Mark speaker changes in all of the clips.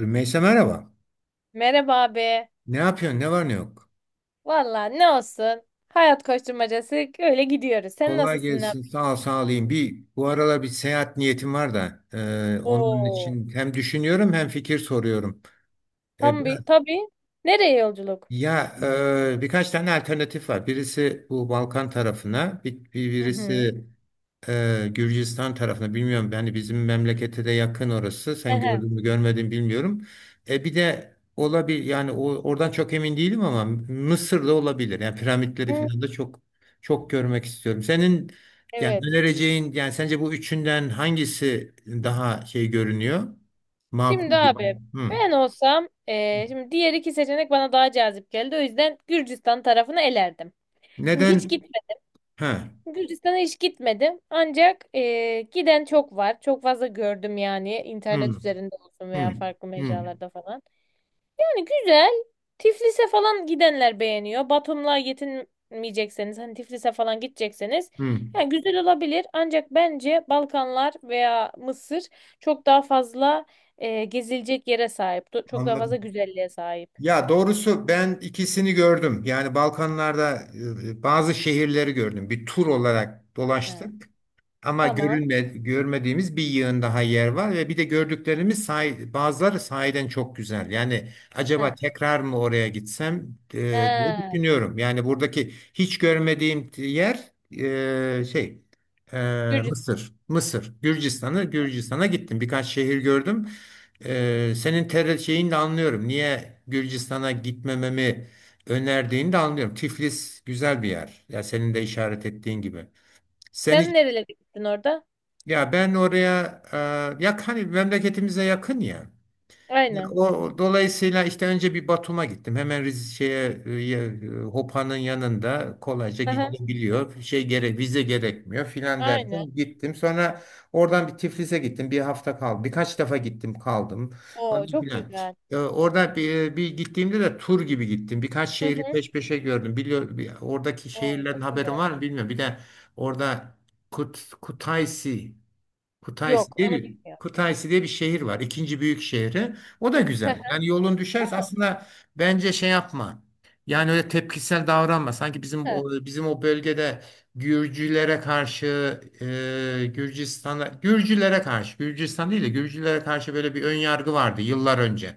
Speaker 1: Rümeysa merhaba.
Speaker 2: Merhaba abi.
Speaker 1: Ne yapıyorsun? Ne var ne yok?
Speaker 2: Valla ne olsun. Hayat koşturmacası öyle gidiyoruz. Sen
Speaker 1: Kolay
Speaker 2: nasılsın? Ne
Speaker 1: gelsin.
Speaker 2: yapıyorsun?
Speaker 1: Sağ ol, sağ olayım. Bir bu aralar bir seyahat niyetim var da onun
Speaker 2: Oo.
Speaker 1: için hem düşünüyorum hem fikir soruyorum. E,
Speaker 2: Tam
Speaker 1: biraz
Speaker 2: bir tabii. Nereye yolculuk?
Speaker 1: ya birkaç tane alternatif var. Birisi bu Balkan tarafına,
Speaker 2: Hı hı.
Speaker 1: birisi Gürcistan tarafına bilmiyorum. Yani bizim memlekete de yakın orası. Sen
Speaker 2: Aha.
Speaker 1: gördün mü görmedin bilmiyorum. E bir de olabilir yani oradan çok emin değilim ama Mısır'da olabilir. Yani piramitleri
Speaker 2: Hı.
Speaker 1: falan da çok görmek istiyorum. Senin yani
Speaker 2: Evet.
Speaker 1: önereceğin yani sence bu üçünden hangisi daha şey görünüyor? Makul
Speaker 2: Şimdi abi
Speaker 1: görünüyor? Hı.
Speaker 2: ben olsam şimdi diğer iki seçenek bana daha cazip geldi. O yüzden Gürcistan tarafını elerdim. Şimdi hiç
Speaker 1: Neden?
Speaker 2: gitmedim.
Speaker 1: Ha.
Speaker 2: Gürcistan'a hiç gitmedim. Ancak giden çok var. Çok fazla gördüm yani internet
Speaker 1: Hı.
Speaker 2: üzerinde olsun veya
Speaker 1: Hı.
Speaker 2: farklı
Speaker 1: Hı.
Speaker 2: mecralarda falan. Yani güzel. Tiflis'e falan gidenler beğeniyor. Batum'la yetinmeyecekseniz hani Tiflis'e falan gidecekseniz
Speaker 1: Hı.
Speaker 2: yani güzel olabilir. Ancak bence Balkanlar veya Mısır çok daha fazla gezilecek yere sahip. Çok daha fazla
Speaker 1: Anladım.
Speaker 2: güzelliğe sahip.
Speaker 1: Ya doğrusu ben ikisini gördüm. Yani Balkanlarda bazı şehirleri gördüm. Bir tur olarak
Speaker 2: He,
Speaker 1: dolaştık. Ama
Speaker 2: tamam.
Speaker 1: görünme, görmediğimiz bir yığın daha yer var ve bir de gördüklerimiz sahi- bazıları sahiden çok güzel. Yani
Speaker 2: He.
Speaker 1: acaba tekrar mı oraya gitsem diye
Speaker 2: He.
Speaker 1: düşünüyorum. Yani buradaki hiç görmediğim yer e, şey e,
Speaker 2: Gürcistan.
Speaker 1: Mısır. Mısır. Gürcistan'a gittim. Birkaç şehir gördüm. Senin ter şeyini de anlıyorum. Niye Gürcistan'a gitmememi önerdiğini de anlıyorum. Tiflis güzel bir yer. Ya senin de işaret ettiğin gibi. Sen
Speaker 2: Sen
Speaker 1: hiç
Speaker 2: nerelere gittin orada?
Speaker 1: ya ben oraya yak hani memleketimize yakın ya. Ya
Speaker 2: Aynen.
Speaker 1: o dolayısıyla işte önce bir Batum'a gittim. Hemen Rize şeye Hopa'nın yanında kolayca
Speaker 2: Aha,
Speaker 1: gidilebiliyor. Şey gerek vize gerekmiyor filan
Speaker 2: aynen.
Speaker 1: derken gittim. Sonra oradan bir Tiflis'e gittim. Bir hafta kaldım. Birkaç defa gittim kaldım.
Speaker 2: Oo
Speaker 1: Falan
Speaker 2: çok
Speaker 1: filan.
Speaker 2: güzel.
Speaker 1: Orada bir gittiğimde de tur gibi gittim. Birkaç
Speaker 2: Hı
Speaker 1: şehri
Speaker 2: hı.
Speaker 1: peş peşe gördüm. Biliyor, bir- oradaki
Speaker 2: Oo
Speaker 1: şehirlerin
Speaker 2: çok
Speaker 1: haberin
Speaker 2: güzel.
Speaker 1: var mı bilmiyorum. Bir de orada Kut, Kutaisi
Speaker 2: Yok onu bilmiyorum.
Speaker 1: Kutaisi diye bir şehir var. İkinci büyük şehri. O da
Speaker 2: Hı
Speaker 1: güzel. Yani yolun
Speaker 2: hı.
Speaker 1: düşerse aslında bence şey yapma. Yani öyle tepkisel davranma. Sanki bizim bizim o bölgede Gürcülere karşı Gürcistan değil de Gürcülere karşı böyle bir ön yargı vardı yıllar önce.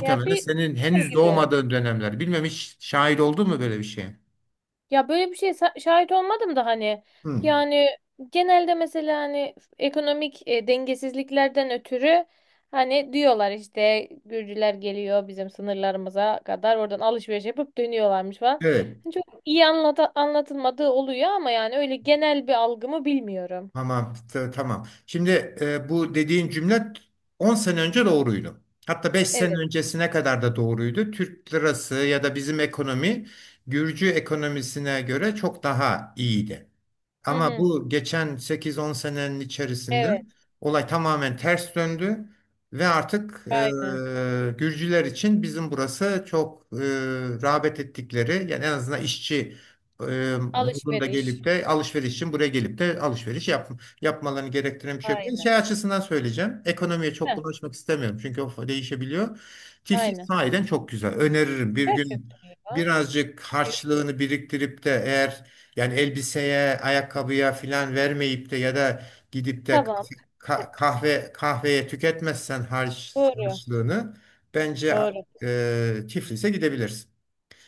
Speaker 2: Ya bir
Speaker 1: senin
Speaker 2: Her
Speaker 1: henüz
Speaker 2: gibi.
Speaker 1: doğmadığın dönemler. Bilmem hiç şahit oldun mu böyle bir şeye?
Speaker 2: Ya böyle bir şeye şahit olmadım da hani
Speaker 1: Hı.
Speaker 2: yani genelde mesela hani ekonomik dengesizliklerden ötürü hani diyorlar işte Gürcüler geliyor bizim sınırlarımıza kadar oradan alışveriş yapıp dönüyorlarmış falan.
Speaker 1: Evet.
Speaker 2: Hani çok iyi anlatılmadığı oluyor ama yani öyle genel bir algımı bilmiyorum.
Speaker 1: Tamam. Şimdi bu dediğin cümle 10 sene önce doğruydu. Hatta 5 sene
Speaker 2: Evet.
Speaker 1: öncesine kadar da doğruydu. Türk lirası ya da bizim ekonomi Gürcü ekonomisine göre çok daha iyiydi.
Speaker 2: Hı
Speaker 1: Ama
Speaker 2: hı.
Speaker 1: bu geçen 8-10 senenin içerisinde
Speaker 2: Evet.
Speaker 1: olay tamamen ters döndü ve artık
Speaker 2: Aynen.
Speaker 1: Gürcüler için bizim burası rağbet ettikleri yani en azından işçi modunda
Speaker 2: Alışveriş.
Speaker 1: gelip de alışveriş için buraya gelip de yapmalarını gerektiren bir şey yok. Ben
Speaker 2: Aynen.
Speaker 1: şey açısından söyleyeceğim. Ekonomiye çok
Speaker 2: Heh,
Speaker 1: bulaşmak istemiyorum. Çünkü o değişebiliyor. Tiflis
Speaker 2: aynen.
Speaker 1: sahiden çok güzel. Öneririm. Bir gün
Speaker 2: Gerçekten iyi ya.
Speaker 1: birazcık harçlığını biriktirip de eğer yani elbiseye, ayakkabıya filan vermeyip de ya da gidip de
Speaker 2: Tamam.
Speaker 1: kahve kahveye tüketmezsen
Speaker 2: Doğru.
Speaker 1: harçlığını bence
Speaker 2: Doğru.
Speaker 1: Tiflis'e gidebilirsin.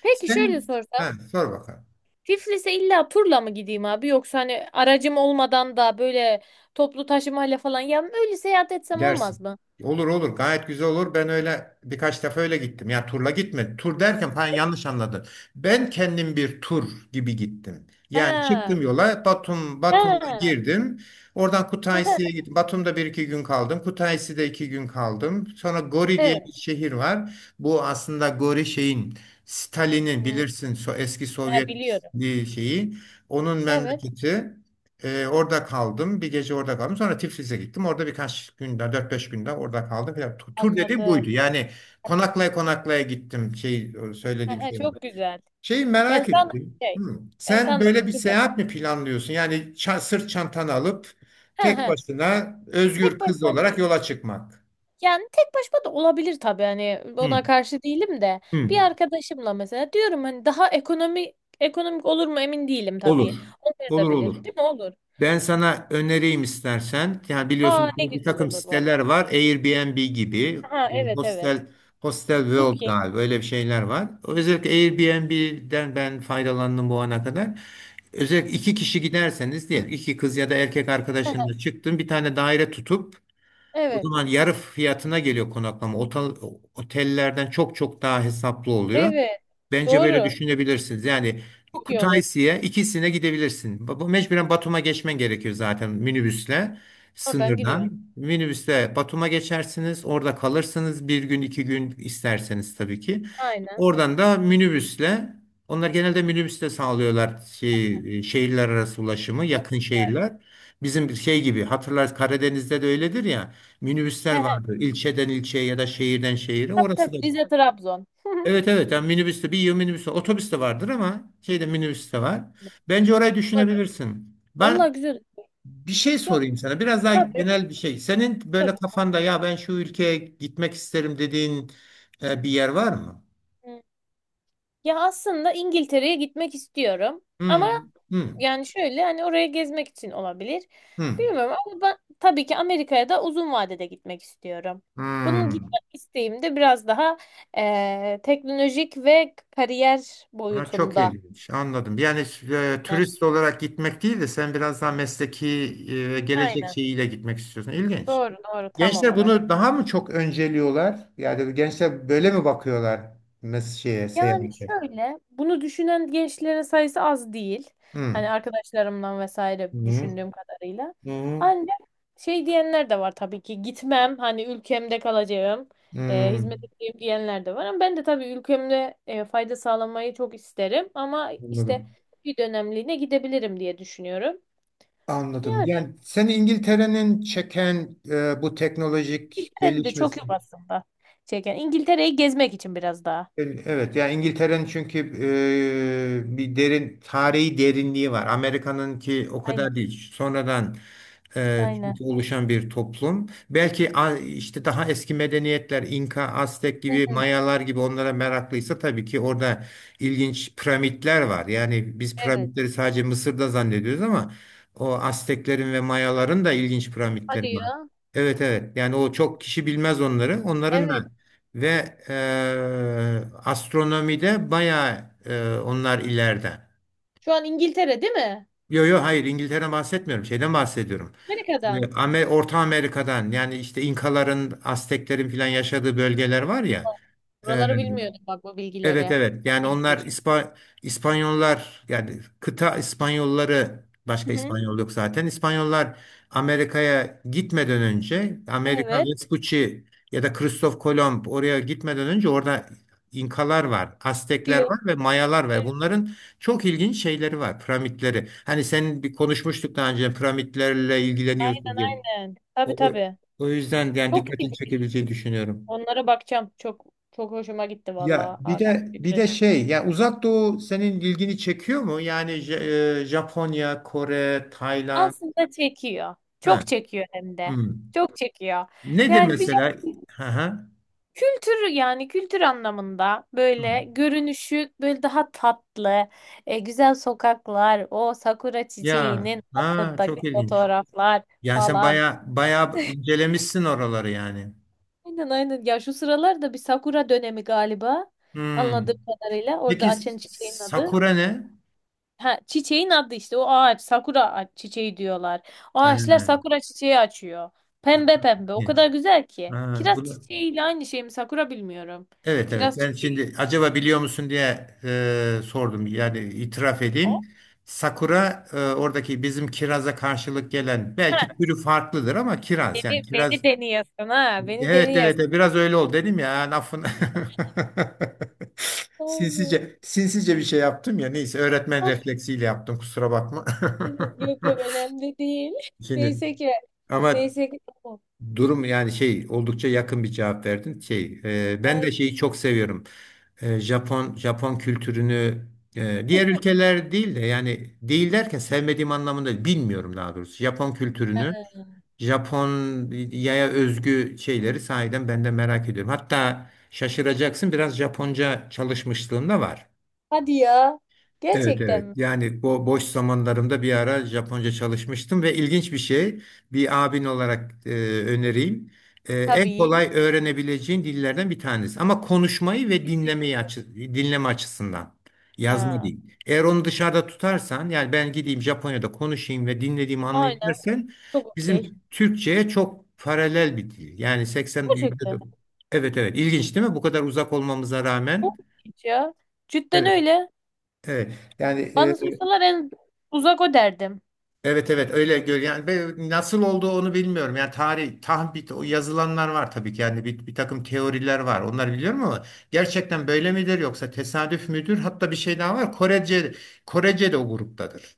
Speaker 2: Peki şöyle
Speaker 1: Sen
Speaker 2: sorsam.
Speaker 1: ha, sor bakalım.
Speaker 2: Tiflis'e illa turla mı gideyim abi yoksa hani aracım olmadan da böyle toplu taşımayla falan ya öyle seyahat etsem
Speaker 1: Dersin.
Speaker 2: olmaz mı?
Speaker 1: Olur olur, gayet güzel olur. Ben öyle birkaç defa öyle gittim. Ya turla gitmedim. Tur derken falan yanlış anladın. Ben kendim bir tur gibi gittim. Yani
Speaker 2: Ha.
Speaker 1: çıktım yola Batum'da
Speaker 2: Ha.
Speaker 1: girdim. Oradan Kutaisi'ye gittim. Batum'da bir iki gün kaldım. Kutaisi'de iki gün kaldım. Sonra Gori diye bir
Speaker 2: Evet.
Speaker 1: şehir var. Bu aslında Gori şeyin Stalin'in
Speaker 2: Hı,
Speaker 1: bilirsin so eski
Speaker 2: ha,
Speaker 1: Sovyet
Speaker 2: biliyorum.
Speaker 1: bir şeyi. Onun
Speaker 2: Evet,
Speaker 1: memleketi. Orada kaldım. Bir gece orada kaldım. Sonra Tiflis'e gittim. Orada dört beş günde orada kaldım. Falan. Tur dediğim
Speaker 2: anladım.
Speaker 1: buydu. Yani konaklaya konaklaya gittim. Şey,
Speaker 2: Ha,
Speaker 1: söylediğim
Speaker 2: ha,
Speaker 1: şey bu.
Speaker 2: çok güzel.
Speaker 1: Şeyi
Speaker 2: Ben
Speaker 1: merak
Speaker 2: sandım
Speaker 1: ettim.
Speaker 2: şey.
Speaker 1: Hı.
Speaker 2: Ben
Speaker 1: Sen
Speaker 2: sandım
Speaker 1: böyle
Speaker 2: ki
Speaker 1: bir
Speaker 2: turla.
Speaker 1: seyahat mi planlıyorsun? Yani sırt çantanı alıp
Speaker 2: Ha,
Speaker 1: tek
Speaker 2: ha.
Speaker 1: başına özgür
Speaker 2: Tek
Speaker 1: kız
Speaker 2: başıma
Speaker 1: olarak
Speaker 2: değil.
Speaker 1: yola çıkmak.
Speaker 2: Yani tek başıma da olabilir tabii hani
Speaker 1: Hı.
Speaker 2: ona karşı değilim de
Speaker 1: Hı.
Speaker 2: bir arkadaşımla mesela diyorum hani daha ekonomi ekonomik olur mu emin değilim
Speaker 1: Olur.
Speaker 2: tabii.
Speaker 1: Olur olur.
Speaker 2: Olmayabilir. Değil mi? Olur.
Speaker 1: Ben sana önereyim istersen. Yani biliyorsun
Speaker 2: Aa ne
Speaker 1: ki bir
Speaker 2: güzel
Speaker 1: takım
Speaker 2: olur
Speaker 1: siteler
Speaker 2: vallahi.
Speaker 1: var. Airbnb gibi,
Speaker 2: Ha, evet, evet.
Speaker 1: Hostel, Hostel World
Speaker 2: Booking.
Speaker 1: galiba öyle bir şeyler var. Özellikle Airbnb'den ben faydalandım bu ana kadar. Özellikle iki kişi giderseniz diyelim iki kız ya da erkek arkadaşınla çıktın bir tane daire tutup o
Speaker 2: Evet.
Speaker 1: zaman yarı fiyatına geliyor konaklama. Otellerden çok çok daha hesaplı oluyor.
Speaker 2: Evet.
Speaker 1: Bence böyle
Speaker 2: Doğru.
Speaker 1: düşünebilirsiniz. Yani
Speaker 2: Çok iyi olur.
Speaker 1: Kutaisi'ye ikisine gidebilirsin. Bu mecburen Batum'a geçmen gerekiyor zaten minibüsle
Speaker 2: Oradan giriyorsun.
Speaker 1: sınırdan. Minibüsle Batum'a geçersiniz. Orada kalırsınız bir gün iki gün isterseniz tabii ki.
Speaker 2: Aynen.
Speaker 1: Oradan da minibüsle onlar genelde minibüsle sağlıyorlar şey, şehirler arası ulaşımı
Speaker 2: Çok
Speaker 1: yakın
Speaker 2: güzel.
Speaker 1: şehirler. Bizim şey gibi hatırlarsınız Karadeniz'de de öyledir ya. Minibüsler vardı. İlçeden ilçeye ya da şehirden şehire.
Speaker 2: Tabii
Speaker 1: Orası da.
Speaker 2: tabii. Rize Trabzon.
Speaker 1: Evet evet. Yani minibüste bir yıl minibüste otobüs de vardır ama şeyde minibüs de var. Bence orayı
Speaker 2: Doğru.
Speaker 1: düşünebilirsin. Ben
Speaker 2: Vallahi güzel.
Speaker 1: bir şey
Speaker 2: Ya
Speaker 1: sorayım sana. Biraz daha
Speaker 2: tabii.
Speaker 1: genel bir şey. Senin böyle
Speaker 2: Doğru.
Speaker 1: kafanda ya ben şu ülkeye gitmek isterim dediğin bir yer var mı?
Speaker 2: Hı. Ya aslında İngiltere'ye gitmek istiyorum.
Speaker 1: Hmm,
Speaker 2: Ama
Speaker 1: hmm,
Speaker 2: yani şöyle hani oraya gezmek için olabilir.
Speaker 1: hmm,
Speaker 2: Bilmiyorum ama ben tabii ki Amerika'ya da uzun vadede gitmek istiyorum. Bunun
Speaker 1: hmm.
Speaker 2: gitmek isteğim de biraz daha teknolojik ve kariyer
Speaker 1: Ha, çok
Speaker 2: boyutunda.
Speaker 1: ilginç. Anladım. Yani
Speaker 2: Heh,
Speaker 1: turist olarak gitmek değil de sen biraz daha mesleki gelecek
Speaker 2: aynen.
Speaker 1: şeyiyle gitmek istiyorsun. İlginç.
Speaker 2: Doğru doğru tam
Speaker 1: Gençler
Speaker 2: olarak.
Speaker 1: bunu daha mı çok önceliyorlar? Yani gençler böyle mi bakıyorlar şeye,
Speaker 2: Yani
Speaker 1: seyahate?
Speaker 2: şöyle, bunu düşünen gençlerin sayısı az değil. Hani
Speaker 1: Hmm.
Speaker 2: arkadaşlarımdan vesaire
Speaker 1: Hmm.
Speaker 2: düşündüğüm kadarıyla.
Speaker 1: Hmm.
Speaker 2: Ancak şey diyenler de var tabii ki gitmem, hani ülkemde kalacağım, hizmet
Speaker 1: Hmm.
Speaker 2: edeceğim diyenler de var. Ama ben de tabii ülkemde fayda sağlamayı çok isterim. Ama işte
Speaker 1: Anladım.
Speaker 2: bir dönemliğine gidebilirim diye düşünüyorum.
Speaker 1: Anladım.
Speaker 2: Yani
Speaker 1: Yani seni İngiltere'nin çeken bu teknolojik
Speaker 2: İngiltere'nin de çok
Speaker 1: gelişmesi.
Speaker 2: yok aslında çeken. İngiltere'yi gezmek için biraz daha.
Speaker 1: Evet, yani İngiltere'nin çünkü bir derin tarihi derinliği var. Amerika'nınki o
Speaker 2: Aynen,
Speaker 1: kadar değil. Sonradan
Speaker 2: aynen.
Speaker 1: çünkü oluşan bir toplum. Belki işte daha eski medeniyetler, İnka, Aztek
Speaker 2: Hı
Speaker 1: gibi,
Speaker 2: hı,
Speaker 1: Mayalar gibi onlara meraklıysa tabii ki orada ilginç piramitler var. Yani biz
Speaker 2: evet.
Speaker 1: piramitleri sadece Mısır'da zannediyoruz ama o Azteklerin ve Mayaların da ilginç piramitleri
Speaker 2: Hadi
Speaker 1: var.
Speaker 2: ya.
Speaker 1: Evet evet. Yani o çok kişi bilmez onları. Onların da
Speaker 2: Evet.
Speaker 1: ve astronomide bayağı onlar ileride.
Speaker 2: Şu an İngiltere değil mi?
Speaker 1: Yo yo hayır İngiltere'den bahsetmiyorum. Şeyden bahsediyorum.
Speaker 2: Amerika'dan.
Speaker 1: Orta Amerika'dan yani işte İnkaların, Azteklerin filan yaşadığı bölgeler var ya. e,
Speaker 2: Buraları bilmiyordum bak bu
Speaker 1: Evet
Speaker 2: bilgileri.
Speaker 1: evet
Speaker 2: Çok
Speaker 1: yani onlar
Speaker 2: ilginç.
Speaker 1: İspanyollar yani kıta İspanyolları
Speaker 2: Hı
Speaker 1: başka
Speaker 2: hı.
Speaker 1: İspanyol yok zaten. İspanyollar Amerika'ya gitmeden önce Amerika
Speaker 2: Evet.
Speaker 1: Vespucci ya da Kristof Kolomb oraya gitmeden önce orada İnkalar var, Aztekler
Speaker 2: Diyor.
Speaker 1: var ve Mayalar var.
Speaker 2: Evet,
Speaker 1: Bunların çok ilginç şeyleri var, piramitleri. Hani senin bir konuşmuştuk daha önce piramitlerle ilgileniyorsun
Speaker 2: aynen
Speaker 1: diye.
Speaker 2: aynen. Tabii
Speaker 1: O, o
Speaker 2: tabii.
Speaker 1: o yüzden yani
Speaker 2: Çok iyi.
Speaker 1: dikkatini çekebileceğini düşünüyorum.
Speaker 2: Onlara bakacağım. Çok çok hoşuma gitti
Speaker 1: Ya
Speaker 2: vallahi
Speaker 1: bir
Speaker 2: abi.
Speaker 1: de bir de şey ya Uzak Doğu senin ilgini çekiyor mu? Yani Japonya, Kore, Tayland.
Speaker 2: Aslında çekiyor.
Speaker 1: Ha.
Speaker 2: Çok çekiyor hem de.
Speaker 1: Hmm.
Speaker 2: Çok çekiyor.
Speaker 1: Nedir
Speaker 2: Yani bir
Speaker 1: mesela? Ha ha.
Speaker 2: kültür yani kültür anlamında böyle
Speaker 1: Hmm.
Speaker 2: görünüşü böyle daha tatlı, güzel sokaklar, o sakura
Speaker 1: Ya
Speaker 2: çiçeğinin
Speaker 1: ha çok
Speaker 2: altındaki
Speaker 1: ilginç.
Speaker 2: fotoğraflar
Speaker 1: Yani sen
Speaker 2: falan.
Speaker 1: baya baya incelemişsin oraları yani.
Speaker 2: Aynen aynen. Ya şu sıralar da bir sakura dönemi galiba.
Speaker 1: Hmm.
Speaker 2: Anladığım kadarıyla orada
Speaker 1: Peki
Speaker 2: açan çiçeğin adı.
Speaker 1: sakura ne?
Speaker 2: Ha, çiçeğin adı işte o ağaç sakura çiçeği diyorlar. O
Speaker 1: Ha,
Speaker 2: ağaçlar sakura çiçeği açıyor.
Speaker 1: ha,
Speaker 2: Pembe pembe o kadar
Speaker 1: ilginç.
Speaker 2: güzel ki.
Speaker 1: Ha,
Speaker 2: Kiraz
Speaker 1: bu da-
Speaker 2: çiçeğiyle aynı şey mi sakura bilmiyorum.
Speaker 1: evet evet
Speaker 2: Kiraz
Speaker 1: ben
Speaker 2: çiçeği
Speaker 1: şimdi acaba biliyor musun diye sordum yani itiraf
Speaker 2: o.
Speaker 1: edeyim. Sakura oradaki bizim kiraza karşılık gelen belki türü farklıdır ama kiraz yani
Speaker 2: Beni
Speaker 1: kiraz
Speaker 2: deniyorsun ha. Beni
Speaker 1: evet evet
Speaker 2: deniyorsun.
Speaker 1: evet, biraz öyle oldu dedim ya lafın
Speaker 2: Aynen.
Speaker 1: sinsice sinsice bir şey yaptım ya neyse öğretmen
Speaker 2: Ah
Speaker 1: refleksiyle yaptım kusura bakma.
Speaker 2: dedim. Yok yok önemli değil.
Speaker 1: Şimdi
Speaker 2: Neyse ki.
Speaker 1: ama
Speaker 2: Neyse ki. Tamam.
Speaker 1: durum yani şey oldukça yakın bir cevap verdin şey ben
Speaker 2: Ay.
Speaker 1: de şeyi çok seviyorum. Japon kültürünü diğer ülkeler değil de yani değil derken sevmediğim anlamında değil, bilmiyorum daha doğrusu. Japon kültürünü,
Speaker 2: Ha,
Speaker 1: Japonya'ya özgü şeyleri sahiden ben de merak ediyorum. Hatta şaşıracaksın biraz Japonca çalışmışlığım da var.
Speaker 2: hadi ya.
Speaker 1: Evet
Speaker 2: Gerçekten
Speaker 1: evet.
Speaker 2: mi?
Speaker 1: Yani bu boş zamanlarımda bir ara Japonca çalışmıştım ve ilginç bir şey bir abin olarak önereyim. En
Speaker 2: Tabii.
Speaker 1: kolay öğrenebileceğin dillerden bir tanesi. Ama konuşmayı ve dinlemeyi dinleme açısından. Yazma
Speaker 2: Ha.
Speaker 1: değil. Eğer onu dışarıda tutarsan yani ben gideyim Japonya'da konuşayım ve dinlediğimi anlayayım
Speaker 2: Aynen.
Speaker 1: dersen
Speaker 2: Çok okey.
Speaker 1: bizim Türkçe'ye çok paralel bir dil. Yani 80 yüzde
Speaker 2: Gerçekten.
Speaker 1: evet evet. İlginç değil mi? Bu kadar uzak olmamıza
Speaker 2: Çok
Speaker 1: rağmen.
Speaker 2: okey ya. Cidden
Speaker 1: Evet.
Speaker 2: öyle.
Speaker 1: Evet. Yani e,
Speaker 2: Bana sorsalar en uzak o derdim.
Speaker 1: evet evet öyle gör yani ben nasıl olduğu onu bilmiyorum. Yani tarih tahmin o yazılanlar var tabii ki yani bir takım teoriler var. Onları biliyorum ama gerçekten böyle midir yoksa tesadüf müdür? Hatta bir şey daha var. Korece de o gruptadır.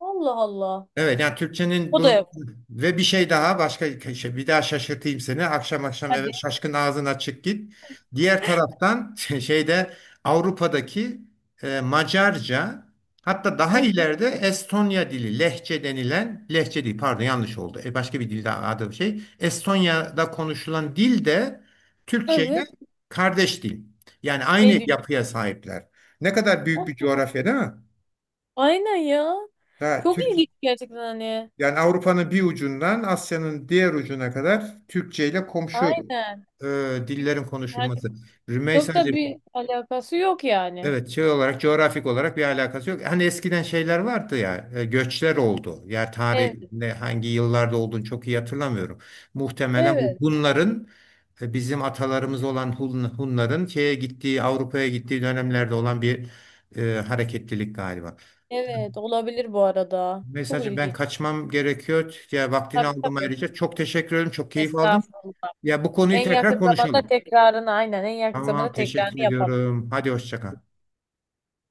Speaker 2: Allah Allah.
Speaker 1: Evet yani Türkçenin
Speaker 2: O
Speaker 1: bu
Speaker 2: da yok.
Speaker 1: ve bir şey daha başka şey bir daha şaşırtayım seni. Akşam akşam eve
Speaker 2: Hadi.
Speaker 1: şaşkın ağzın açık git. Diğer taraftan şeyde Avrupa'daki Macarca hatta daha
Speaker 2: Evet.
Speaker 1: ileride Estonya dili lehçe denilen lehçe değil pardon yanlış oldu. Başka bir dilde adı bir şey. Estonya'da konuşulan dil de Türkçe ile
Speaker 2: Evet.
Speaker 1: kardeş dil. Yani
Speaker 2: Ne
Speaker 1: aynı
Speaker 2: diyor?
Speaker 1: yapıya sahipler. Ne kadar büyük
Speaker 2: Allah
Speaker 1: bir
Speaker 2: Allah.
Speaker 1: coğrafya değil mi?
Speaker 2: Aynen ya.
Speaker 1: Ha
Speaker 2: Çok
Speaker 1: Türk
Speaker 2: ilginç gerçekten hani.
Speaker 1: yani Avrupa'nın bir ucundan Asya'nın diğer ucuna kadar Türkçe ile komşu
Speaker 2: Aynen.
Speaker 1: e, dillerin
Speaker 2: Yani
Speaker 1: konuşulması.
Speaker 2: çok da
Speaker 1: Rümeysa'cığım
Speaker 2: bir alakası yok yani.
Speaker 1: evet şey olarak coğrafik olarak bir alakası yok. Hani eskiden şeyler vardı ya göçler oldu. Yer
Speaker 2: Evet,
Speaker 1: tarihinde hangi yıllarda olduğunu çok iyi hatırlamıyorum. Muhtemelen bu
Speaker 2: evet,
Speaker 1: Hunların bizim atalarımız olan Hunların şeye gittiği Avrupa'ya gittiği dönemlerde olan bir hareketlilik galiba.
Speaker 2: evet olabilir bu arada. Çok
Speaker 1: Mesajım ben
Speaker 2: ilginç.
Speaker 1: kaçmam gerekiyor. Ya vaktini
Speaker 2: Tabii
Speaker 1: aldım
Speaker 2: tabii.
Speaker 1: ayrıca. Çok teşekkür ederim. Çok keyif aldım.
Speaker 2: Estağfurullah.
Speaker 1: Ya bu konuyu
Speaker 2: En
Speaker 1: tekrar
Speaker 2: yakın zamanda
Speaker 1: konuşalım.
Speaker 2: tekrarını aynen en yakın
Speaker 1: Tamam,
Speaker 2: zamanda tekrarını
Speaker 1: teşekkür
Speaker 2: yapalım.
Speaker 1: ediyorum. Hadi hoşça kal.